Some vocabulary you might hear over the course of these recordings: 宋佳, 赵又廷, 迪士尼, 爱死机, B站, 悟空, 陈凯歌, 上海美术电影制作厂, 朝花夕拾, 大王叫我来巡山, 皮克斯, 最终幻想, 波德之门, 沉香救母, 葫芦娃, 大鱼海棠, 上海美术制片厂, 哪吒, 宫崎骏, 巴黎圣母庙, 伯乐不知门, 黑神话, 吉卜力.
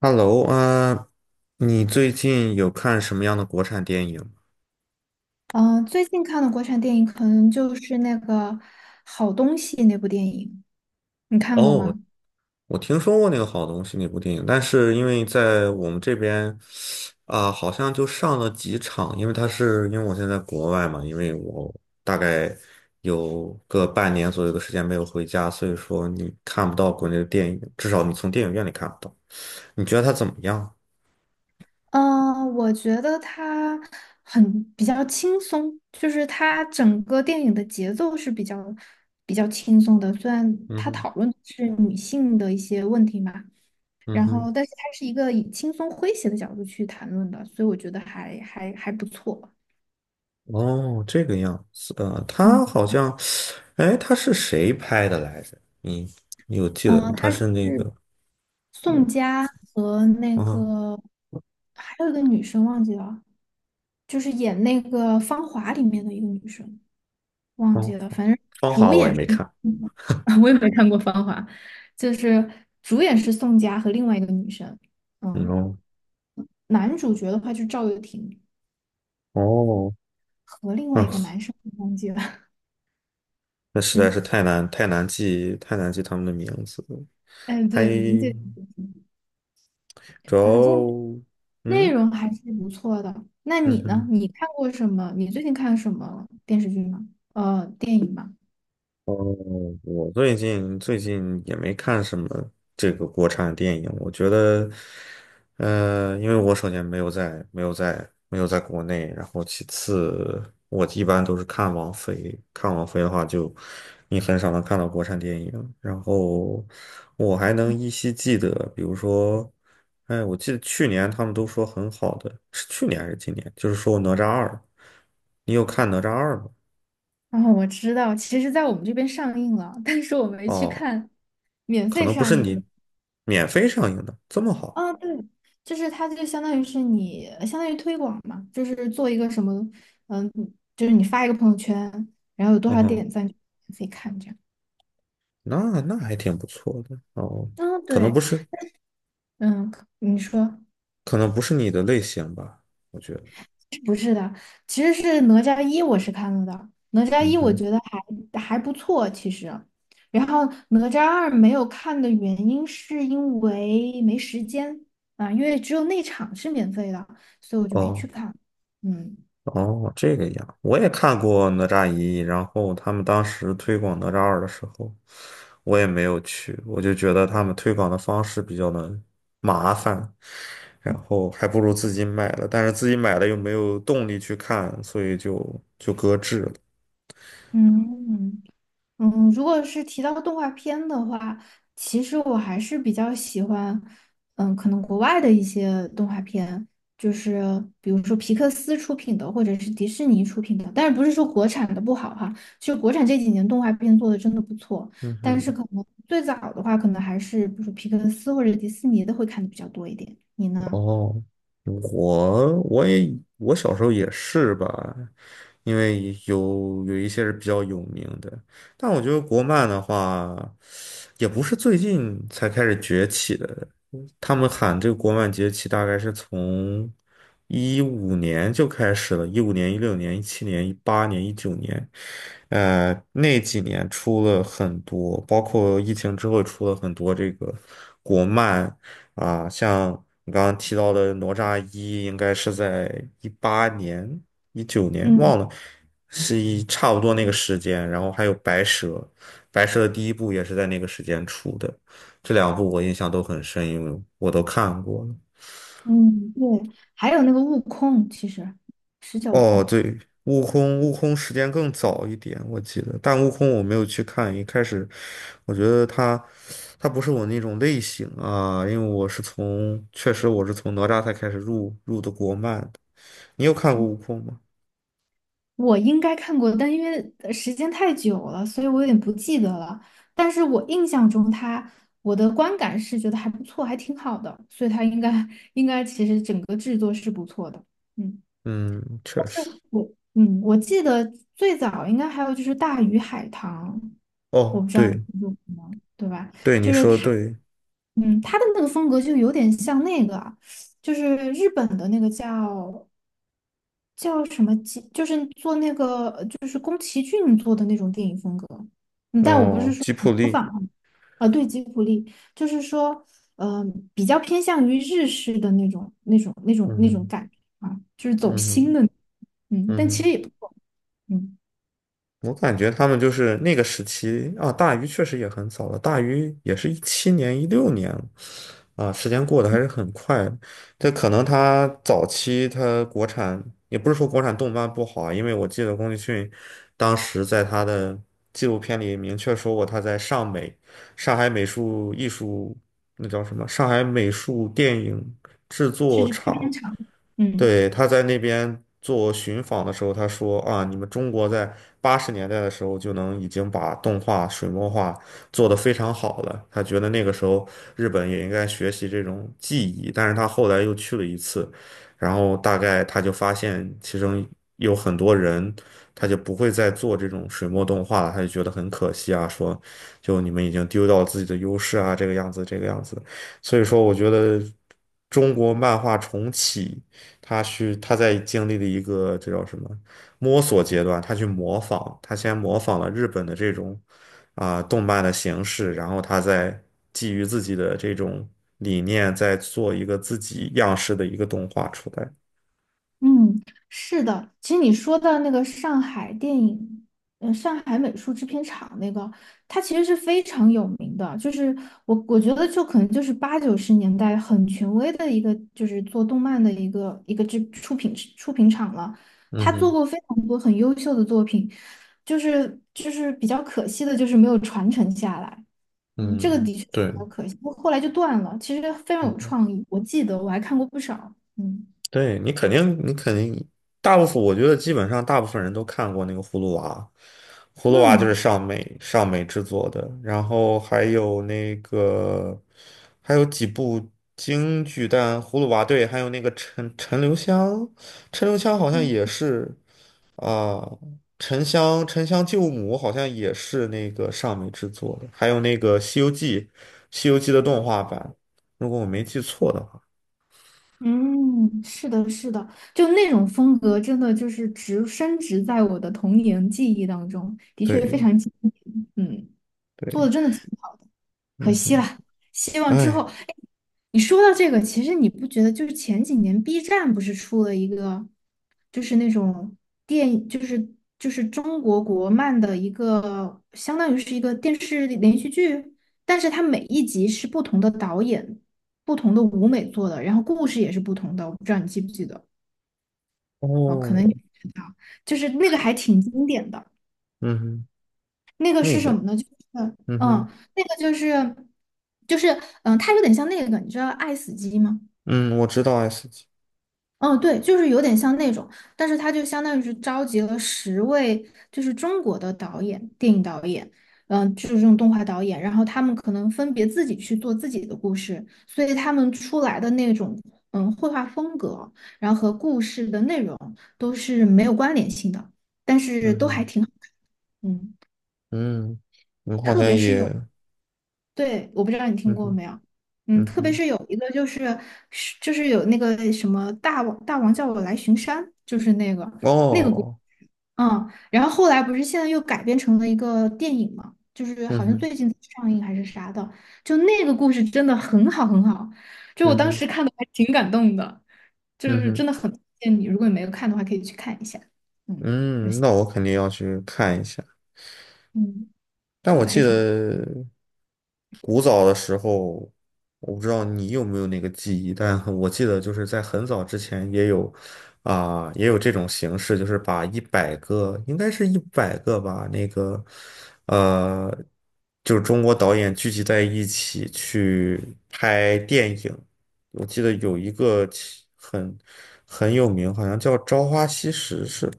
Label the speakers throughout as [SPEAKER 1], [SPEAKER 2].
[SPEAKER 1] Hello 啊，你最近有看什么样的国产电影吗？
[SPEAKER 2] 最近看的国产电影可能就是那个《好东西》那部电影，你看过
[SPEAKER 1] 哦，我
[SPEAKER 2] 吗？
[SPEAKER 1] 我听说过那个好东西那部电影，但是因为在我们这边啊，好像就上了几场，因为我现在在国外嘛，因为我大概有个半年左右的时间没有回家，所以说你看不到国内的电影，至少你从电影院里看不到。你觉得它怎么样？
[SPEAKER 2] 我觉得它很比较轻松，就是它整个电影的节奏是比较轻松的。虽然
[SPEAKER 1] 嗯
[SPEAKER 2] 它
[SPEAKER 1] 哼，
[SPEAKER 2] 讨论的是女性的一些问题嘛，
[SPEAKER 1] 嗯
[SPEAKER 2] 然
[SPEAKER 1] 哼。
[SPEAKER 2] 后但是它是一个以轻松诙谐的角度去谈论的，所以我觉得还不错。
[SPEAKER 1] 哦，这个样子，
[SPEAKER 2] 嗯，
[SPEAKER 1] 他好像，哎，他是谁拍的来着？你有记得吗？
[SPEAKER 2] 嗯，
[SPEAKER 1] 他
[SPEAKER 2] 它是
[SPEAKER 1] 是那个，
[SPEAKER 2] 宋佳和那
[SPEAKER 1] 啊，
[SPEAKER 2] 个还有一个女生忘记了，就是演那个《芳华》里面的一个女生，忘记
[SPEAKER 1] 哦，
[SPEAKER 2] 了，反正
[SPEAKER 1] 芳华我也没看，
[SPEAKER 2] 我也没看过《芳华》，就是主演是宋佳和另外一个女生，
[SPEAKER 1] 嗯
[SPEAKER 2] 嗯，
[SPEAKER 1] 哦，
[SPEAKER 2] 男主角的话就是赵又廷
[SPEAKER 1] 哦，
[SPEAKER 2] 和另外
[SPEAKER 1] 嗯，
[SPEAKER 2] 一个男生，我忘记了，
[SPEAKER 1] 那 实在是
[SPEAKER 2] 嗯，
[SPEAKER 1] 太难记他们的名字了，
[SPEAKER 2] 哎，
[SPEAKER 1] 还
[SPEAKER 2] 对，名字也忘记了，
[SPEAKER 1] 主
[SPEAKER 2] 反正
[SPEAKER 1] 要，
[SPEAKER 2] 内
[SPEAKER 1] 嗯
[SPEAKER 2] 容还是不错的。那
[SPEAKER 1] 嗯
[SPEAKER 2] 你呢？
[SPEAKER 1] 哼。
[SPEAKER 2] 你看过什么？你最近看什么电视剧吗？电影吗？
[SPEAKER 1] 哦，我最近也没看什么这个国产电影，我觉得，因为我首先没有在国内，然后其次我一般都是看王菲，看王菲的话就你很少能看到国产电影，然后我还能依稀记得，比如说，哎，我记得去年他们都说很好的，是去年还是今年？就是说哪吒二，你有看哪吒二吗？
[SPEAKER 2] 哦，我知道，其实在我们这边上映了，但是我没去
[SPEAKER 1] 哦。
[SPEAKER 2] 看，免
[SPEAKER 1] 可
[SPEAKER 2] 费
[SPEAKER 1] 能不
[SPEAKER 2] 上
[SPEAKER 1] 是
[SPEAKER 2] 映的。
[SPEAKER 1] 你免费上映的这么好，
[SPEAKER 2] 啊，对，就是它就相当于是你，相当于推广嘛，就是做一个什么，嗯，就是你发一个朋友圈，然后有多
[SPEAKER 1] 嗯
[SPEAKER 2] 少
[SPEAKER 1] 哼，
[SPEAKER 2] 点赞就免费看这样。
[SPEAKER 1] 那还挺不错的哦，
[SPEAKER 2] 啊，
[SPEAKER 1] 可能
[SPEAKER 2] 对，
[SPEAKER 1] 不是，
[SPEAKER 2] 嗯，可你说。
[SPEAKER 1] 可能不是你的类型吧，我觉得，
[SPEAKER 2] 不是的，其实是哪吒一我是看了的，哪吒
[SPEAKER 1] 嗯
[SPEAKER 2] 一我
[SPEAKER 1] 哼，
[SPEAKER 2] 觉得还不错，其实。然后哪吒二没有看的原因是因为没时间啊，因为只有那场是免费的，所以我就没去
[SPEAKER 1] 哦
[SPEAKER 2] 看。嗯
[SPEAKER 1] 哦，这个样，我也看过哪吒一，然后他们当时推广哪吒二的时候，我也没有去，我就觉得他们推广的方式比较的麻烦，然后还不如自己买了，但是自己买了又没有动力去看，所以就搁置了，
[SPEAKER 2] 嗯。嗯，如果是提到动画片的话，其实我还是比较喜欢，嗯，可能国外的一些动画片，就是比如说皮克斯出品的，或者是迪士尼出品的。但是不是说国产的不好哈，就国产这几年动画片做的真的不错。
[SPEAKER 1] 嗯
[SPEAKER 2] 但是
[SPEAKER 1] 哼。
[SPEAKER 2] 可能最早的话，可能还是比如说皮克斯或者迪士尼的会看的比较多一点。你呢？
[SPEAKER 1] 哦，我我也我小时候也是吧，因为有一些是比较有名的，但我觉得国漫的话，也不是最近才开始崛起的，他们喊这个国漫崛起大概是从一五年就开始了，一五年、一六年、一七年、一八年、一九年，那几年出了很多，包括疫情之后出了很多这个国漫。啊，像你刚刚提到的哪吒一，应该是在一八年、一九年，
[SPEAKER 2] 嗯。
[SPEAKER 1] 忘了，是差不多那个时间。然后还有白蛇，白蛇的第一部也是在那个时间出的。这两部我印象都很深，因为我都看过了。
[SPEAKER 2] 嗯，对，还有那个悟空，其实是叫悟空
[SPEAKER 1] 哦，
[SPEAKER 2] 吧？
[SPEAKER 1] 对，悟空，悟空时间更早一点，我记得，但悟空我没有去看。一开始，我觉得他不是我那种类型啊，因为我是从，确实我是从哪吒才开始入的国漫，你有看过《悟空》吗？
[SPEAKER 2] 我应该看过，但因为时间太久了，所以我有点不记得了。但是我印象中它，我的观感是觉得还不错，还挺好的，所以它应该其实整个制作是不错的。嗯，
[SPEAKER 1] 嗯，确实。
[SPEAKER 2] 就我嗯，我记得最早应该还有就是《大鱼海棠》，我
[SPEAKER 1] 哦，
[SPEAKER 2] 不知道你
[SPEAKER 1] 对
[SPEAKER 2] 听说过吗？对吧？
[SPEAKER 1] 对，你
[SPEAKER 2] 就是
[SPEAKER 1] 说的
[SPEAKER 2] 它，
[SPEAKER 1] 对。
[SPEAKER 2] 嗯，它的那个风格就有点像那个就是日本的那个叫叫什么吉？就是做那个就是宫崎骏做的那种电影风格。嗯，但我不是
[SPEAKER 1] 哦，
[SPEAKER 2] 说
[SPEAKER 1] 吉卜
[SPEAKER 2] 模
[SPEAKER 1] 力。
[SPEAKER 2] 仿啊，呃对，吉卜力，就是说，嗯、比较偏向于日式的那种、那种、那种、
[SPEAKER 1] 嗯
[SPEAKER 2] 那种
[SPEAKER 1] 哼，
[SPEAKER 2] 感觉啊，就是走
[SPEAKER 1] 嗯
[SPEAKER 2] 心
[SPEAKER 1] 哼，
[SPEAKER 2] 的，嗯，
[SPEAKER 1] 嗯
[SPEAKER 2] 但其实
[SPEAKER 1] 哼。
[SPEAKER 2] 也不错，嗯，
[SPEAKER 1] 我感觉他们就是那个时期啊，大鱼确实也很早了，大鱼也是一七年、一六年了啊，时间过得还是很快的。这可能他早期他国产也不是说国产动漫不好啊，因为我记得宫崎骏当时在他的纪录片里明确说过，他在上美、上海美术艺术那叫什么？上海美术电影制
[SPEAKER 2] 是
[SPEAKER 1] 作
[SPEAKER 2] 非常
[SPEAKER 1] 厂
[SPEAKER 2] 长，嗯。
[SPEAKER 1] 对，他在那边做寻访的时候，他说啊，你们中国在80年代的时候就能已经把动画水墨画做得非常好了。他觉得那个时候日本也应该学习这种技艺，但是他后来又去了一次，然后大概他就发现其中有很多人他就不会再做这种水墨动画了，他就觉得很可惜啊，说就你们已经丢掉了自己的优势啊，这个样子，这个样子。所以说，我觉得中国漫画重启。他在经历了一个这叫什么摸索阶段，他去模仿，他先模仿了日本的这种啊、动漫的形式，然后他再基于自己的这种理念，再做一个自己样式的一个动画出来。
[SPEAKER 2] 嗯，是的。其实你说到那个上海电影，呃，上海美术制片厂那个，它其实是非常有名的。就是我觉得，就可能就是八九十年代很权威的一个，就是做动漫的一个一个制出品厂了。
[SPEAKER 1] 嗯
[SPEAKER 2] 他做
[SPEAKER 1] 哼，
[SPEAKER 2] 过非常多很优秀的作品，就是比较可惜的，就是没有传承下来。嗯，这个
[SPEAKER 1] 嗯，
[SPEAKER 2] 的确是
[SPEAKER 1] 对。
[SPEAKER 2] 比较可惜。后来就断了，其实非常有
[SPEAKER 1] 嗯
[SPEAKER 2] 创意，我记得我还看过不少。嗯
[SPEAKER 1] 对你肯定,大部分我觉得基本上大部分人都看过那个《葫芦娃》，《葫芦娃》就是
[SPEAKER 2] 嗯。
[SPEAKER 1] 上美制作的，然后还有那个还有几部京剧，但《葫芦娃》对，还有那个陈留香，陈留香好像也是啊，沉香救母好像也是那个上美制作的，还有那个《西游记》，《西游记》的动画版，如果我没记错的话，
[SPEAKER 2] 嗯，是的，就那种风格，真的就是植深植在我的童年记忆当中，的确非
[SPEAKER 1] 对
[SPEAKER 2] 常经典。嗯，做
[SPEAKER 1] 对，
[SPEAKER 2] 的真的挺好。的。可
[SPEAKER 1] 嗯。
[SPEAKER 2] 惜
[SPEAKER 1] 哼。
[SPEAKER 2] 了。希望之后，
[SPEAKER 1] 哎，
[SPEAKER 2] 哎，你说到这个，其实你不觉得就是前几年 B 站不是出了一个，就是那种就是中国国漫的一个，相当于是一个电视连续剧，但是它每一集是不同的导演、不同的舞美做的，然后故事也是不同的，我不知道你记不记得？哦，可能你
[SPEAKER 1] 哦，
[SPEAKER 2] 不知道，就是那个还挺经典的。
[SPEAKER 1] 嗯哼，
[SPEAKER 2] 那个是
[SPEAKER 1] 那
[SPEAKER 2] 什
[SPEAKER 1] 个，
[SPEAKER 2] 么呢？就是，
[SPEAKER 1] 嗯
[SPEAKER 2] 嗯，
[SPEAKER 1] 哼，
[SPEAKER 2] 那个就是，就是，它有点像那个，你知道爱死机吗？
[SPEAKER 1] 嗯，我知道 S 级，
[SPEAKER 2] 嗯，对，就是有点像那种，但是它就相当于是召集了十位，就是中国的导演，电影导演，嗯，就是这种动画导演，然后他们可能分别自己去做自己的故事，所以他们出来的那种，嗯，绘画风格，然后和故事的内容都是没有关联性的，但
[SPEAKER 1] 嗯
[SPEAKER 2] 是都还
[SPEAKER 1] 哼，
[SPEAKER 2] 挺好，嗯。
[SPEAKER 1] 嗯，我好像也，
[SPEAKER 2] 对，我不知道你听
[SPEAKER 1] 嗯
[SPEAKER 2] 过
[SPEAKER 1] 哼，
[SPEAKER 2] 没有，嗯，
[SPEAKER 1] 嗯
[SPEAKER 2] 特别
[SPEAKER 1] 哼，
[SPEAKER 2] 是有一个就是有那个什么大王叫我来巡山，就是那个那个故
[SPEAKER 1] 哦，
[SPEAKER 2] 嗯，然后后来不是现在又改编成了一个电影嘛，就是
[SPEAKER 1] 嗯
[SPEAKER 2] 好像
[SPEAKER 1] 哼，
[SPEAKER 2] 最近上映还是啥的，就那个故事真的很好，就我
[SPEAKER 1] 嗯
[SPEAKER 2] 当时
[SPEAKER 1] 哼，
[SPEAKER 2] 看的还挺感动的，就
[SPEAKER 1] 嗯
[SPEAKER 2] 是
[SPEAKER 1] 哼，
[SPEAKER 2] 真的很推荐你，如果你没有看的话，可以去看一下，嗯
[SPEAKER 1] 嗯，那我肯定要去看一下。
[SPEAKER 2] 嗯，
[SPEAKER 1] 但
[SPEAKER 2] 做
[SPEAKER 1] 我
[SPEAKER 2] 的还
[SPEAKER 1] 记
[SPEAKER 2] 挺。
[SPEAKER 1] 得古早的时候，我不知道你有没有那个记忆，但我记得就是在很早之前也有啊、也有这种形式，就是把一百个，应该是一百个吧，那个呃，就是中国导演聚集在一起去拍电影。我记得有一个很有名，好像叫《朝花夕拾》似的，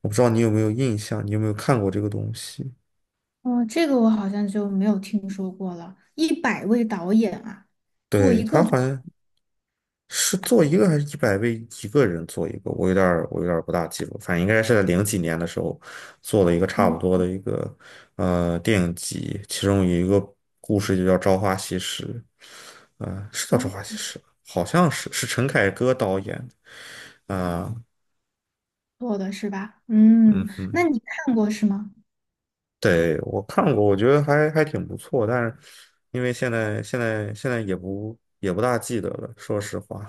[SPEAKER 1] 我不知道你有没有印象，你有没有看过这个东西？
[SPEAKER 2] 哦，这个我好像就没有听说过了。一百位导演啊，做
[SPEAKER 1] 对，
[SPEAKER 2] 一
[SPEAKER 1] 他
[SPEAKER 2] 个
[SPEAKER 1] 好
[SPEAKER 2] 作
[SPEAKER 1] 像是做一个还是100位一个人做一个，我有点儿不大记住，反正应该是在零几年的时候做了一个差不
[SPEAKER 2] 品，
[SPEAKER 1] 多的一个电影集，其中有一个故事就叫《朝花夕拾》，嗯，是叫《朝花
[SPEAKER 2] 嗯
[SPEAKER 1] 夕拾》吧，好像是陈凯歌导演的，啊、
[SPEAKER 2] 做的是吧？
[SPEAKER 1] 嗯
[SPEAKER 2] 嗯，那
[SPEAKER 1] 哼，
[SPEAKER 2] 你看过是吗？
[SPEAKER 1] 对，我看过，我觉得还挺不错，但是因为现在也不大记得了，说实话，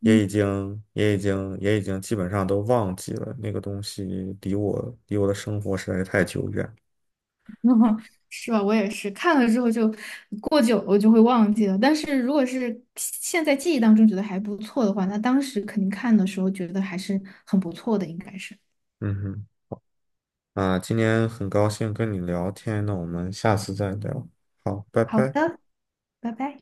[SPEAKER 2] 嗯，
[SPEAKER 1] 也已经基本上都忘记了那个东西，离我的生活实在是太久远。
[SPEAKER 2] 是吧？我也是看了之后就过久了我就会忘记了。但是如果是现在记忆当中觉得还不错的话，那当时肯定看的时候觉得还是很不错的，应该是。
[SPEAKER 1] 嗯哼，啊，今天很高兴跟你聊天，那我们下次再聊，好，拜
[SPEAKER 2] 好
[SPEAKER 1] 拜。
[SPEAKER 2] 的，拜拜。